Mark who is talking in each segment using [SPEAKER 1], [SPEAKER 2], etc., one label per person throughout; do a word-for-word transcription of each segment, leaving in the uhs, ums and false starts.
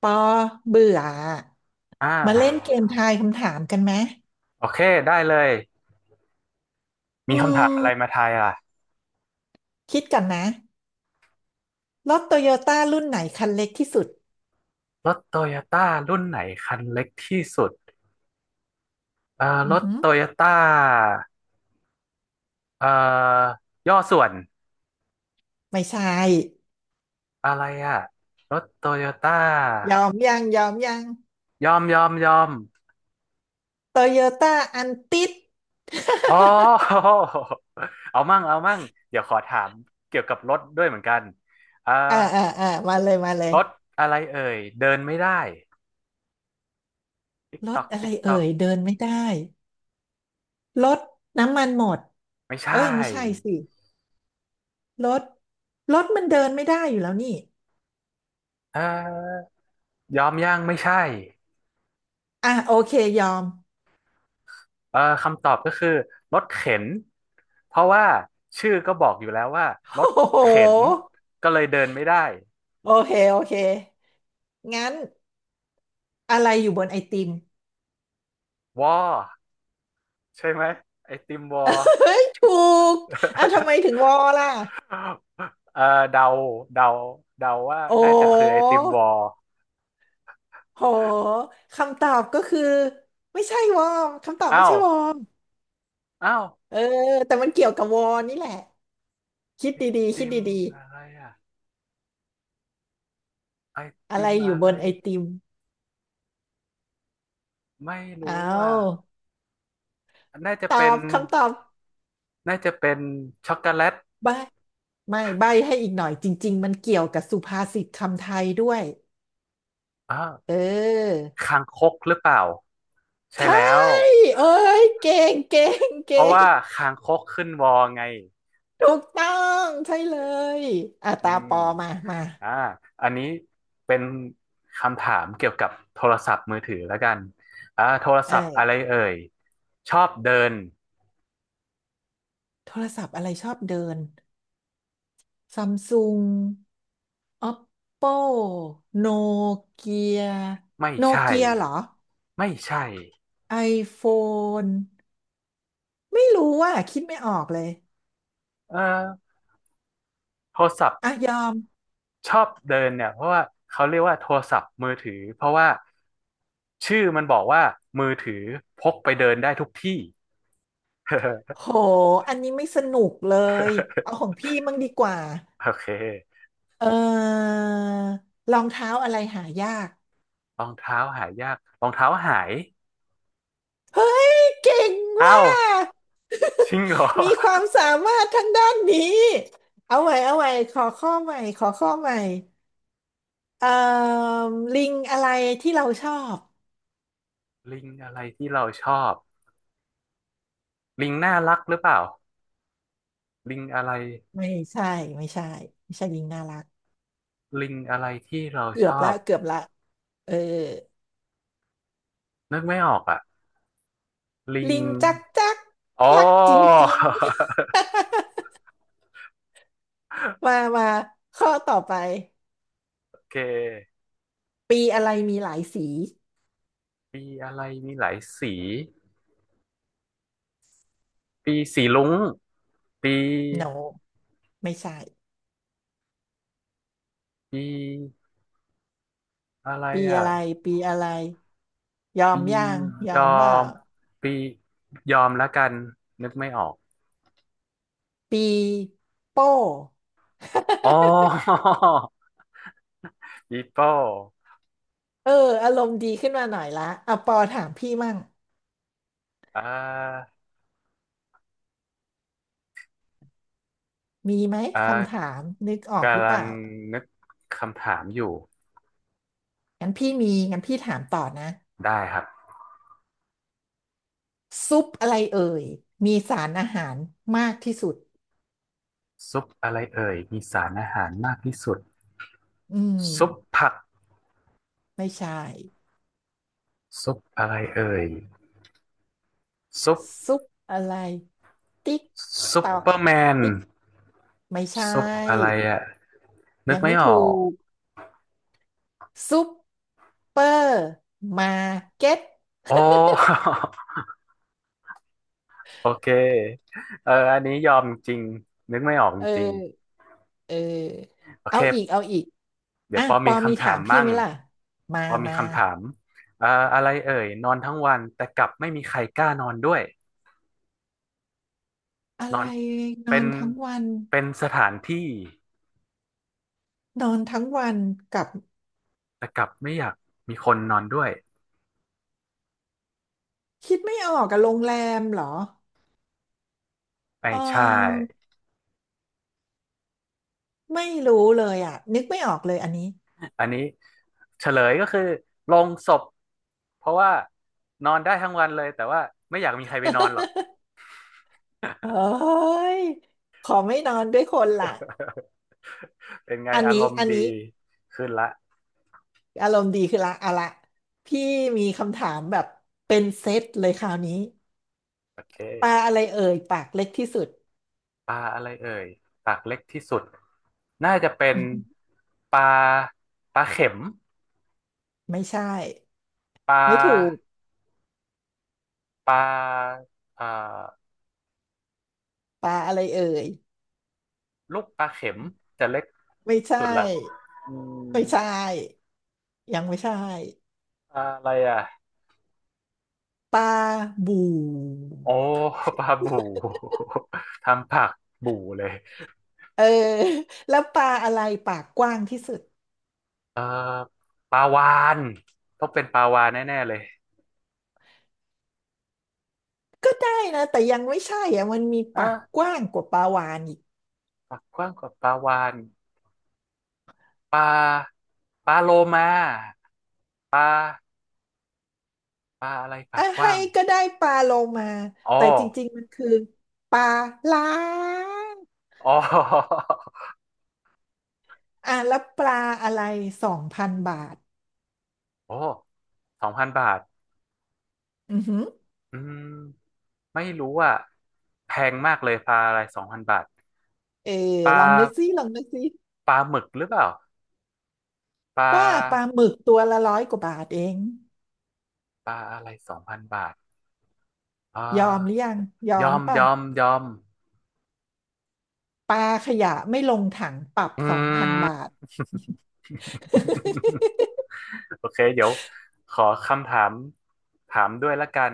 [SPEAKER 1] ปอเบื่ออ
[SPEAKER 2] อ่
[SPEAKER 1] มาเล่นเก
[SPEAKER 2] า
[SPEAKER 1] มทายคำถามกันไหม
[SPEAKER 2] โอเคได้เลยมี
[SPEAKER 1] อื
[SPEAKER 2] คำถาม
[SPEAKER 1] ม
[SPEAKER 2] อะไรมาทายล่ะ
[SPEAKER 1] คิดก่อนนะรถโตโยต้ารุ่นไหนคันเล็กที่สุด
[SPEAKER 2] รถโตโยต้ารุ่นไหนคันเล็กที่สุดเอ่อร
[SPEAKER 1] อือ
[SPEAKER 2] ถ
[SPEAKER 1] หือ
[SPEAKER 2] โตโยต้าเอ่อย่อส่วน
[SPEAKER 1] ไม่ใช่
[SPEAKER 2] อะไรอ่ะรถโตโยต้า
[SPEAKER 1] ยอมยังยอมยัง
[SPEAKER 2] ยอมยอมยอม
[SPEAKER 1] โตโยต้า อันติด
[SPEAKER 2] อ๋ อ เอามั่งเอามั่งเดี๋ยวขอถามเกี่ยวกับรถด้วยเหมือนกันเอ่อ
[SPEAKER 1] อ่าอ่าอ่ามาเลยมาเลย
[SPEAKER 2] รถอะไรเอ่ยเดินไม่ได้ติ๊ก
[SPEAKER 1] ร
[SPEAKER 2] ต
[SPEAKER 1] ถ
[SPEAKER 2] อก
[SPEAKER 1] อะไร
[SPEAKER 2] ติ๊กต
[SPEAKER 1] เอ่
[SPEAKER 2] อก
[SPEAKER 1] ยเดินไม่ได้รถน้ำมันหมด
[SPEAKER 2] ไม่ใช่
[SPEAKER 1] เอ้ยไม่ใช่สิรถรถมันเดินไม่ได้อยู่แล้วนี่
[SPEAKER 2] เอ่อยอมย่างไม่ใช่
[SPEAKER 1] อ่ะโอเคยอม
[SPEAKER 2] เอ่อคำตอบก็คือรถเข็นเพราะว่าชื่อก็บอกอยู่แล้วว่าร ถ
[SPEAKER 1] โอ้โห
[SPEAKER 2] เข็นก็เลยเดินไม่ได้
[SPEAKER 1] โอเคโอเคงั้น อะไรอยู่บนไอติม
[SPEAKER 2] วอใช่ไหมไอติมวอ
[SPEAKER 1] เฮ้ยถูกอ่ะทำไมถึงวอล่ะ
[SPEAKER 2] เออเดาเดาเดาว่า
[SPEAKER 1] โอ
[SPEAKER 2] น่าจะคือไอ
[SPEAKER 1] ้
[SPEAKER 2] ติมวอ
[SPEAKER 1] โหคำตอบก็คือไม่ใช่วอร์มคำตอบไม่
[SPEAKER 2] อ้าว
[SPEAKER 1] ใช่วอร์ม
[SPEAKER 2] อ้าว
[SPEAKER 1] เออแต่มันเกี่ยวกับวอร์นี่แหละคิดดีๆคิ
[SPEAKER 2] ติ
[SPEAKER 1] ด
[SPEAKER 2] ม
[SPEAKER 1] ดี
[SPEAKER 2] อะไรอ่ะไอ
[SPEAKER 1] ๆอะ
[SPEAKER 2] ติ
[SPEAKER 1] ไร
[SPEAKER 2] ม
[SPEAKER 1] อ
[SPEAKER 2] อะ
[SPEAKER 1] ยู่บ
[SPEAKER 2] ไร
[SPEAKER 1] นไอติม
[SPEAKER 2] ไม่
[SPEAKER 1] เอ
[SPEAKER 2] รู้อ่ะ
[SPEAKER 1] า
[SPEAKER 2] น่าจะ
[SPEAKER 1] ต
[SPEAKER 2] เป็
[SPEAKER 1] อ
[SPEAKER 2] น
[SPEAKER 1] บคำตอบ
[SPEAKER 2] น่าจะเป็นช็อกโกแลต
[SPEAKER 1] ใบไม่ใบให้อีกหน่อยจริงๆมันเกี่ยวกับสุภาษิตคำไทยด้วย
[SPEAKER 2] อ้าว
[SPEAKER 1] เออ
[SPEAKER 2] คางคกหรือเปล่าใช่
[SPEAKER 1] ใช่
[SPEAKER 2] แล้ว
[SPEAKER 1] เอ้ยเก่งเก่ง
[SPEAKER 2] เพ
[SPEAKER 1] เก่
[SPEAKER 2] ราะว่า
[SPEAKER 1] ง
[SPEAKER 2] คางคกขึ้นวอไง
[SPEAKER 1] ถูกต้องใช่เลยอ่ะ
[SPEAKER 2] อื
[SPEAKER 1] ตา
[SPEAKER 2] ม
[SPEAKER 1] ปอมามา
[SPEAKER 2] อ่าอันนี้เป็นคำถามเกี่ยวกับโทรศัพท์มือถือแล้วกันอ่าโทร
[SPEAKER 1] เอ
[SPEAKER 2] ศัพท์อะไร
[SPEAKER 1] อ
[SPEAKER 2] เอ่ยชอบเดิน
[SPEAKER 1] โทรศัพท์อะไรชอบเดินซัมซุง Oppo โนเกีย
[SPEAKER 2] ไม่
[SPEAKER 1] โน
[SPEAKER 2] ใช่
[SPEAKER 1] เกียเหรอ
[SPEAKER 2] ไม่ใช่
[SPEAKER 1] iPhone ไม่รู้ว่าคิดไม่ออกเลย
[SPEAKER 2] เออโทรศัพท์
[SPEAKER 1] อ่ะยอม
[SPEAKER 2] ชอบเดินเนี่ยเพราะว่าเขาเรียกว่าโทรศัพท์มือถือเพราะว่าชื่อมันบอกว่ามือถือพกไปเดินได้ทุกที่
[SPEAKER 1] โหอันนี้ไม่สนุกเลยเอาของ พี่มั่งดีกว่า
[SPEAKER 2] โอเค
[SPEAKER 1] เออรองเท้าอะไรหายาก
[SPEAKER 2] รองเท้าหายากรองเท้าหาย
[SPEAKER 1] เฮ้ยเก่ง
[SPEAKER 2] เอ้า
[SPEAKER 1] ว่ะ
[SPEAKER 2] จริงเหรอ
[SPEAKER 1] มีความสามารถทางด้านนี้เอาใหม่เอาใหม่ขอข้อใหม่ขอข้อใหม่เอ่อลิงอะไรที่เราชอบ
[SPEAKER 2] ลิงอะไรที่เราชอบลิงน่ารักหรือเปล่าลิงอะไร
[SPEAKER 1] ไม่ใช่ ไม่ใช่ ไม่ใช่ลิงน่ารัก
[SPEAKER 2] ลิงอะไรที่เรา
[SPEAKER 1] เกื
[SPEAKER 2] ช
[SPEAKER 1] อบ
[SPEAKER 2] อ
[SPEAKER 1] ละ
[SPEAKER 2] บ
[SPEAKER 1] เกือบละเออ
[SPEAKER 2] นึกไม่ออกอ่ะลิง
[SPEAKER 1] ลิงจักจัก
[SPEAKER 2] อ๋อ
[SPEAKER 1] รักจริงๆ มามาข้อต่อไป
[SPEAKER 2] โอเค
[SPEAKER 1] ปีอะไรมีหลายสี
[SPEAKER 2] ปีอะไรมีหลายสีปีสีลุ้งปี
[SPEAKER 1] โนไม่ใช่
[SPEAKER 2] ปีอะไร
[SPEAKER 1] ปี
[SPEAKER 2] อ่ะ
[SPEAKER 1] อะไร ปีอะไร ยอม
[SPEAKER 2] ปี
[SPEAKER 1] ย่างยอ
[SPEAKER 2] ยอ
[SPEAKER 1] มเปล่า
[SPEAKER 2] มปียอมแล้วกันนึกไม่ออก
[SPEAKER 1] ปีโป้
[SPEAKER 2] อ๋อ ปีโป้
[SPEAKER 1] เอออารมณ์ดีขึ้นมาหน่อยละอ่ะปอถามพี่มั่ง
[SPEAKER 2] อ่า
[SPEAKER 1] มีไหม
[SPEAKER 2] อ่
[SPEAKER 1] คำ
[SPEAKER 2] า
[SPEAKER 1] ถามนึกออกหรื
[SPEAKER 2] กำ
[SPEAKER 1] อ
[SPEAKER 2] ลั
[SPEAKER 1] เป
[SPEAKER 2] ง
[SPEAKER 1] ล่า
[SPEAKER 2] นึกคำถามอยู่
[SPEAKER 1] งั้นพี่มีงั้นพี่ถามต่อนะ
[SPEAKER 2] ได้ครับ
[SPEAKER 1] ซุปอะไรเอ่ยมีสารอาหารมากที่สุด
[SPEAKER 2] ซุปอะไรเอ่ยมีสารอาหารมากที่สุด
[SPEAKER 1] อืม
[SPEAKER 2] ซุปผัก
[SPEAKER 1] ไม่ใช่
[SPEAKER 2] ซุปอะไรเอ่ยซุป
[SPEAKER 1] ซุปอะไรติ๊ก
[SPEAKER 2] ซุ
[SPEAKER 1] ต
[SPEAKER 2] ป
[SPEAKER 1] อก
[SPEAKER 2] เปอร์แมน
[SPEAKER 1] ติ๊กไม่ใช่
[SPEAKER 2] ซุปอะไรอ่ะนึก
[SPEAKER 1] ยัง
[SPEAKER 2] ไม่
[SPEAKER 1] ไม่
[SPEAKER 2] ออ
[SPEAKER 1] ถู
[SPEAKER 2] ก
[SPEAKER 1] กซุปเปอร์มาร์เก็ต
[SPEAKER 2] โอ้ โอเคเอออันนี้ยอมจริงนึกไม่ออกจ
[SPEAKER 1] เอ
[SPEAKER 2] ริง
[SPEAKER 1] อเออ
[SPEAKER 2] โอ
[SPEAKER 1] เอา
[SPEAKER 2] เค
[SPEAKER 1] อีกเอาอีก
[SPEAKER 2] เดี๋ย
[SPEAKER 1] อ่ะ
[SPEAKER 2] วปอ
[SPEAKER 1] ป
[SPEAKER 2] มี
[SPEAKER 1] อมี
[SPEAKER 2] คำ
[SPEAKER 1] ถา
[SPEAKER 2] ถาม
[SPEAKER 1] มพี่
[SPEAKER 2] มั่
[SPEAKER 1] ไห
[SPEAKER 2] ง
[SPEAKER 1] มล่ะมา
[SPEAKER 2] ปอมี
[SPEAKER 1] มา
[SPEAKER 2] คำถามเอ่ออะไรเอ่ยนอนทั้งวันแต่กลับไม่มีใครกล้านอนด้วย
[SPEAKER 1] อะ
[SPEAKER 2] น
[SPEAKER 1] ไร
[SPEAKER 2] อน
[SPEAKER 1] น
[SPEAKER 2] เป็
[SPEAKER 1] อ
[SPEAKER 2] น
[SPEAKER 1] นทั้งวัน
[SPEAKER 2] เป็นสถานที่
[SPEAKER 1] นอนทั้งวันกับ
[SPEAKER 2] แต่กลับไม่อยากมีคนนอนด้วย
[SPEAKER 1] คิดไม่ออกกับโรงแรมเหรอ
[SPEAKER 2] ไม่
[SPEAKER 1] เ
[SPEAKER 2] ใช่
[SPEAKER 1] ออไม่รู้เลยอ่ะนึกไม่ออกเลยอันนี้
[SPEAKER 2] อันนี้เฉลยก็คือโลงศพเพราะว่านอนได้ทั้งวันเลยแต่ว่าไม่อยากมีใครไปนอนหรอก
[SPEAKER 1] เฮ้ยขอไม่นอนด้วยคนละ
[SPEAKER 2] เป็นไง
[SPEAKER 1] อัน
[SPEAKER 2] อาร
[SPEAKER 1] นี้
[SPEAKER 2] มณ์
[SPEAKER 1] อัน
[SPEAKER 2] ดี
[SPEAKER 1] นี้
[SPEAKER 2] ขึ้นละ
[SPEAKER 1] อารมณ์ดีคือละเอาละพี่มีคำถามแบบเป็นเซตเลยคราวนี้
[SPEAKER 2] โอเค
[SPEAKER 1] ปลาอะไรเอ่ยปากเล็กที่สุด
[SPEAKER 2] ปลาอะไรเอ่ยปากเล็กที่สุดน่าจะเป็น
[SPEAKER 1] อืม
[SPEAKER 2] ปลาปลาเข็ม
[SPEAKER 1] ไม่ใช่
[SPEAKER 2] ปล
[SPEAKER 1] ไม่ถูก
[SPEAKER 2] าปลาเอ่อ
[SPEAKER 1] ปลาอะไรเอ่ย
[SPEAKER 2] ลูกปลาเข็มจะเล็ก
[SPEAKER 1] ไม่ใช่
[SPEAKER 2] สุดละอืม
[SPEAKER 1] ไม่ใช่ยังไม่ใช่
[SPEAKER 2] อะไรอ่ะ
[SPEAKER 1] ปลาบู่
[SPEAKER 2] โอ้ปลาบู่ ทำผักบู่เลย
[SPEAKER 1] เออ แล้วปลาอะไรปากกว้างที่สุด
[SPEAKER 2] เอ่อปลาวาฬต้องเป็นปลาวาฬแน่ๆเลย
[SPEAKER 1] ก็ได้นะแต่ยังไม่ใช่อ่ะมันมีปากก
[SPEAKER 2] อ่ะ
[SPEAKER 1] ว้างกว่าปลาวาฬอีก
[SPEAKER 2] ปากกว้างกว่าปลาวาฬปลาปลาโลมาปลาปลาอะไรปา
[SPEAKER 1] อ่ะ
[SPEAKER 2] กก
[SPEAKER 1] ให้
[SPEAKER 2] ว้าง
[SPEAKER 1] ก็ได้ปลาโลมา
[SPEAKER 2] อ๋อ
[SPEAKER 1] แต่จริงๆมันคือปลาล้าง
[SPEAKER 2] อ๋อ
[SPEAKER 1] อ่ะแล้วปลาอะไรสองพันบาท
[SPEAKER 2] โอ้สองพันบาท
[SPEAKER 1] อือหือ
[SPEAKER 2] อืมไม่รู้อ่ะแพงมากเลยปลาอะไรสองพันบาท
[SPEAKER 1] เออ
[SPEAKER 2] ปลา
[SPEAKER 1] ลองนึกซิลองนึกซิ
[SPEAKER 2] ปลาหมึกหรือเปล่าปล
[SPEAKER 1] ป้าปลา
[SPEAKER 2] า
[SPEAKER 1] หมึกตัวละร้อยกว่าบาทเอง
[SPEAKER 2] ปลาอะไรสองพันบาทอ่า
[SPEAKER 1] ยอมหรือยังยอ
[SPEAKER 2] ย
[SPEAKER 1] ม
[SPEAKER 2] อม ย
[SPEAKER 1] ป่ะ
[SPEAKER 2] อม ยอม
[SPEAKER 1] ปลาขยะไม่ลงถังปรับ
[SPEAKER 2] อื
[SPEAKER 1] สองพันบา
[SPEAKER 2] ม
[SPEAKER 1] ท
[SPEAKER 2] โอเค เดี๋ยวขอคำถามถามด้วยละกัน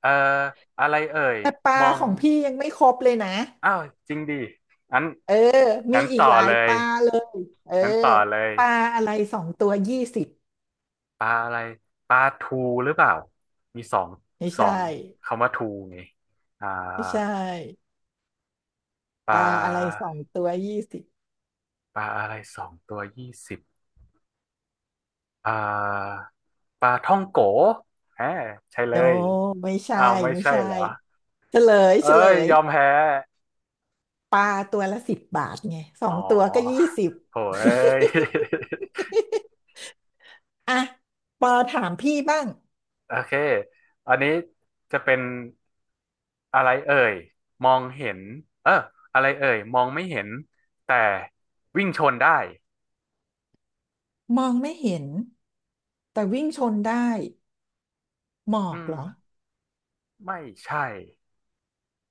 [SPEAKER 2] เอ่ออะไรเอ่ย
[SPEAKER 1] แต่ปลา
[SPEAKER 2] มอง
[SPEAKER 1] ของพี่ยังไม่ครบเลยนะ
[SPEAKER 2] อ้าว จริงดิงั้น
[SPEAKER 1] เออมี
[SPEAKER 2] งั้น
[SPEAKER 1] อี
[SPEAKER 2] ต่
[SPEAKER 1] ก
[SPEAKER 2] อ
[SPEAKER 1] หลา
[SPEAKER 2] เล
[SPEAKER 1] ยป
[SPEAKER 2] ย
[SPEAKER 1] ลาเลย เออ
[SPEAKER 2] งั้นต่อเลย
[SPEAKER 1] ปลาอะไรสองตัวยี่สิบ
[SPEAKER 2] ปลาอะไรปลาทูหรือเปล่า มีสอง
[SPEAKER 1] ไม่
[SPEAKER 2] สอ
[SPEAKER 1] ใช่
[SPEAKER 2] งคำว่าทูไงอ่า
[SPEAKER 1] ไม่ใช่
[SPEAKER 2] ป
[SPEAKER 1] ป
[SPEAKER 2] ล
[SPEAKER 1] ลาอะไร
[SPEAKER 2] า
[SPEAKER 1] สองตัวยี่สิบ
[SPEAKER 2] ปลาอะไรสองตัวยี่สิบ อ่าปลาท่องโกฮะใช่เล
[SPEAKER 1] โน
[SPEAKER 2] ย
[SPEAKER 1] ไม่ใช่
[SPEAKER 2] อ้าวไม่
[SPEAKER 1] ไม่
[SPEAKER 2] ใช่
[SPEAKER 1] ใช่
[SPEAKER 2] เหรอ
[SPEAKER 1] เฉลย
[SPEAKER 2] เอ้
[SPEAKER 1] เฉล
[SPEAKER 2] ย
[SPEAKER 1] ย
[SPEAKER 2] ยอมแพ้
[SPEAKER 1] ปลาตัวละสิบบาทไงสอ
[SPEAKER 2] อ๋
[SPEAKER 1] ง
[SPEAKER 2] อ
[SPEAKER 1] ตัวก็ยี่สิบ
[SPEAKER 2] โหเอ้ย
[SPEAKER 1] อ่ะปอถามพี่บ้าง
[SPEAKER 2] โอเคอันนี้จะเป็นอะไรเอ่ยมองเห็นเอออะไรเอ่ยมองไม่เห็นแต่วิ่งชนได้
[SPEAKER 1] มองไม่เห็น แต่วิ่งชนได้หมอ
[SPEAKER 2] อื
[SPEAKER 1] ก
[SPEAKER 2] ม
[SPEAKER 1] เหรอ
[SPEAKER 2] ไม่ใช่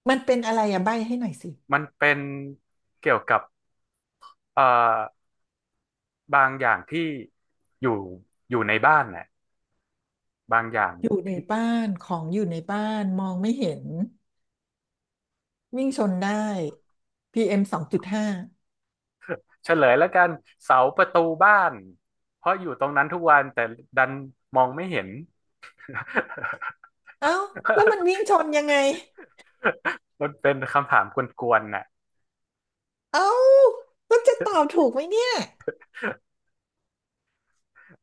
[SPEAKER 1] มันเป็นอะไรอะใบ้ให้หน่อยสิ
[SPEAKER 2] มันเป็นเกี่ยวกับเอ่อบางอย่างที่อยู่อยู่ในบ้านน่ะบางอย่าง
[SPEAKER 1] อยู่ใน
[SPEAKER 2] ที่
[SPEAKER 1] บ้านของอยู่ในบ้านมองไม่เห็นวิ่งชนได้พีเอ็มสองจุดห้า
[SPEAKER 2] เฉลยแล้วกันเสาประตูบ้านเพราะอยู่ตรงนั้นทุกวันแต่ดันมองไม่เห็น
[SPEAKER 1] เอ้าแล้วมันวิ่ง ชนยังไง
[SPEAKER 2] มันเป็นคำถามกวนๆน่ะ
[SPEAKER 1] เอ้าก็จะตอบถูกไหมเนี่ย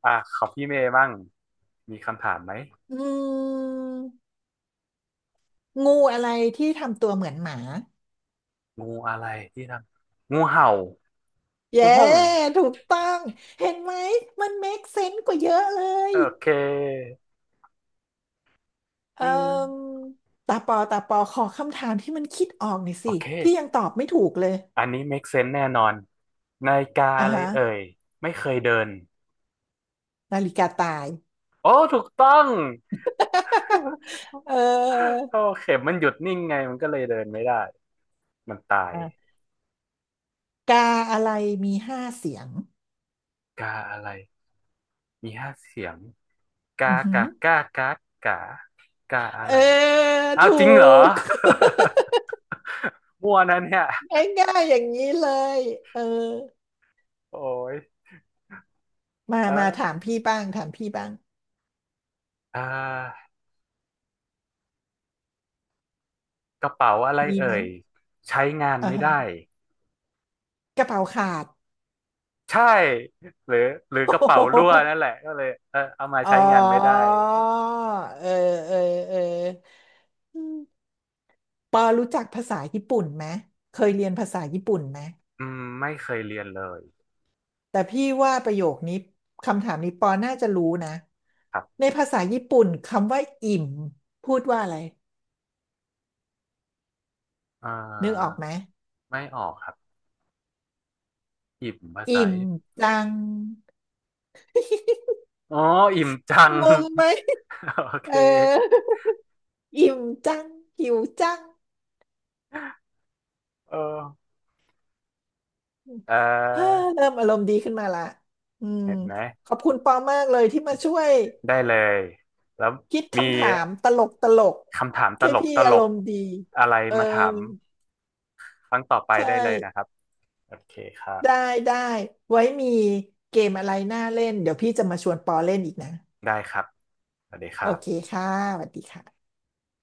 [SPEAKER 2] อ่ะของพี่เมย์บ้างมีคำถามไหม
[SPEAKER 1] อืมงูอะไรที่ทำตัวเหมือนหมา
[SPEAKER 2] งูอะไรที่ทำงูเห่าห้
[SPEAKER 1] เย้
[SPEAKER 2] องห้อง
[SPEAKER 1] ถูกต้องเห็นไหมมันเมคเซนส์กว่าเยอะเลย
[SPEAKER 2] โอเคอื
[SPEAKER 1] เอ่
[SPEAKER 2] ม
[SPEAKER 1] มตาปอตาปอขอคำถามที่มันคิดออกหน่อย
[SPEAKER 2] โอ
[SPEAKER 1] สิ
[SPEAKER 2] เค
[SPEAKER 1] พี่ยังตอบไม่ถูกเลย
[SPEAKER 2] อันนี้ make sense แน่นอนนาฬิกา
[SPEAKER 1] อ่า
[SPEAKER 2] อะไร
[SPEAKER 1] ฮะ
[SPEAKER 2] เอ่ยไม่เคยเดิน
[SPEAKER 1] นาฬิกาตาย
[SPEAKER 2] โอ้ถูกต้อง
[SPEAKER 1] เออ
[SPEAKER 2] โอเคมันหยุดนิ่งไงมันก็เลยเดินไม่ได้มันตาย
[SPEAKER 1] กาอะไรมีห้าเสียง
[SPEAKER 2] กาอะไรมีห้าเสียงกา
[SPEAKER 1] อือหือ
[SPEAKER 2] กากากากากาอะ
[SPEAKER 1] เออ
[SPEAKER 2] ไรอ้าว
[SPEAKER 1] ถู
[SPEAKER 2] จริงเหรอ
[SPEAKER 1] ก
[SPEAKER 2] มั่วนะเนี่ย
[SPEAKER 1] ง่ายๆอย่างนี้เลย เออ
[SPEAKER 2] โอ้ย
[SPEAKER 1] มา
[SPEAKER 2] เอ
[SPEAKER 1] มาถาม
[SPEAKER 2] อ
[SPEAKER 1] พี่บ้างถามพี่บ้าง
[SPEAKER 2] อ่ากระเป๋าอะไร
[SPEAKER 1] มีไหม
[SPEAKER 2] เอ่ยใช้งาน
[SPEAKER 1] อ่า
[SPEAKER 2] ไม่
[SPEAKER 1] ฮะ
[SPEAKER 2] ได้
[SPEAKER 1] กระเป๋าขาด
[SPEAKER 2] ใช่หรือหรือ
[SPEAKER 1] โอ้
[SPEAKER 2] กระเป๋า
[SPEAKER 1] โห
[SPEAKER 2] รั่วนั่นแหละก็เลยเออเอามา
[SPEAKER 1] อ๋อ
[SPEAKER 2] ใช้งานไม่ได้
[SPEAKER 1] เออเออเอออืมปอรู้จักภาษาญี่ปุ่นไหม เคยเรียนภาษาญี่ปุ่นไหม
[SPEAKER 2] อืมไม่เคยเรียนเลย
[SPEAKER 1] แต่พี่ว่าประโยคนี้คำถามนี้ปอน่าจะรู้นะ
[SPEAKER 2] ครั
[SPEAKER 1] ใน
[SPEAKER 2] บ
[SPEAKER 1] ภาษาญี่ปุ่นคำว่าอิ่มพูดว่าอะไร
[SPEAKER 2] เ
[SPEAKER 1] นึกออก
[SPEAKER 2] ออ
[SPEAKER 1] ไหม
[SPEAKER 2] ไม่ออกครับอิ่มภาษา
[SPEAKER 1] อิ่ม
[SPEAKER 2] ญี่ปุ่น
[SPEAKER 1] จัง
[SPEAKER 2] อ๋ออิ่มจัง
[SPEAKER 1] งงไหม
[SPEAKER 2] โอเค
[SPEAKER 1] เออ อิ่มจังหิวจัง
[SPEAKER 2] เออเออ
[SPEAKER 1] เฮ้อเริ่มอารมณ์ดีขึ้นมาละอืม
[SPEAKER 2] เห็นไหม
[SPEAKER 1] ขอบคุณปอมากเลยที่มาช่วย
[SPEAKER 2] ได้เลยแล้ว
[SPEAKER 1] คิด
[SPEAKER 2] มี
[SPEAKER 1] คำถามตลกตลก
[SPEAKER 2] คำถามต
[SPEAKER 1] แค่
[SPEAKER 2] ลก
[SPEAKER 1] พี่
[SPEAKER 2] ตล
[SPEAKER 1] อาร
[SPEAKER 2] ก
[SPEAKER 1] มณ์ดี
[SPEAKER 2] อะไร
[SPEAKER 1] เออ
[SPEAKER 2] มาถามครั้งต่อไป
[SPEAKER 1] ใช่
[SPEAKER 2] ได้เลยนะครับโอเคครับ
[SPEAKER 1] ได้ได้ไว้มีเกมอะไรน่าเล่นเดี๋ยวพี่จะมาชวนปอเล่นอีกนะ
[SPEAKER 2] ได้ครับสวัสดีค
[SPEAKER 1] โอ
[SPEAKER 2] รั
[SPEAKER 1] เค
[SPEAKER 2] บ
[SPEAKER 1] ค่ะสวัสดีค่ะ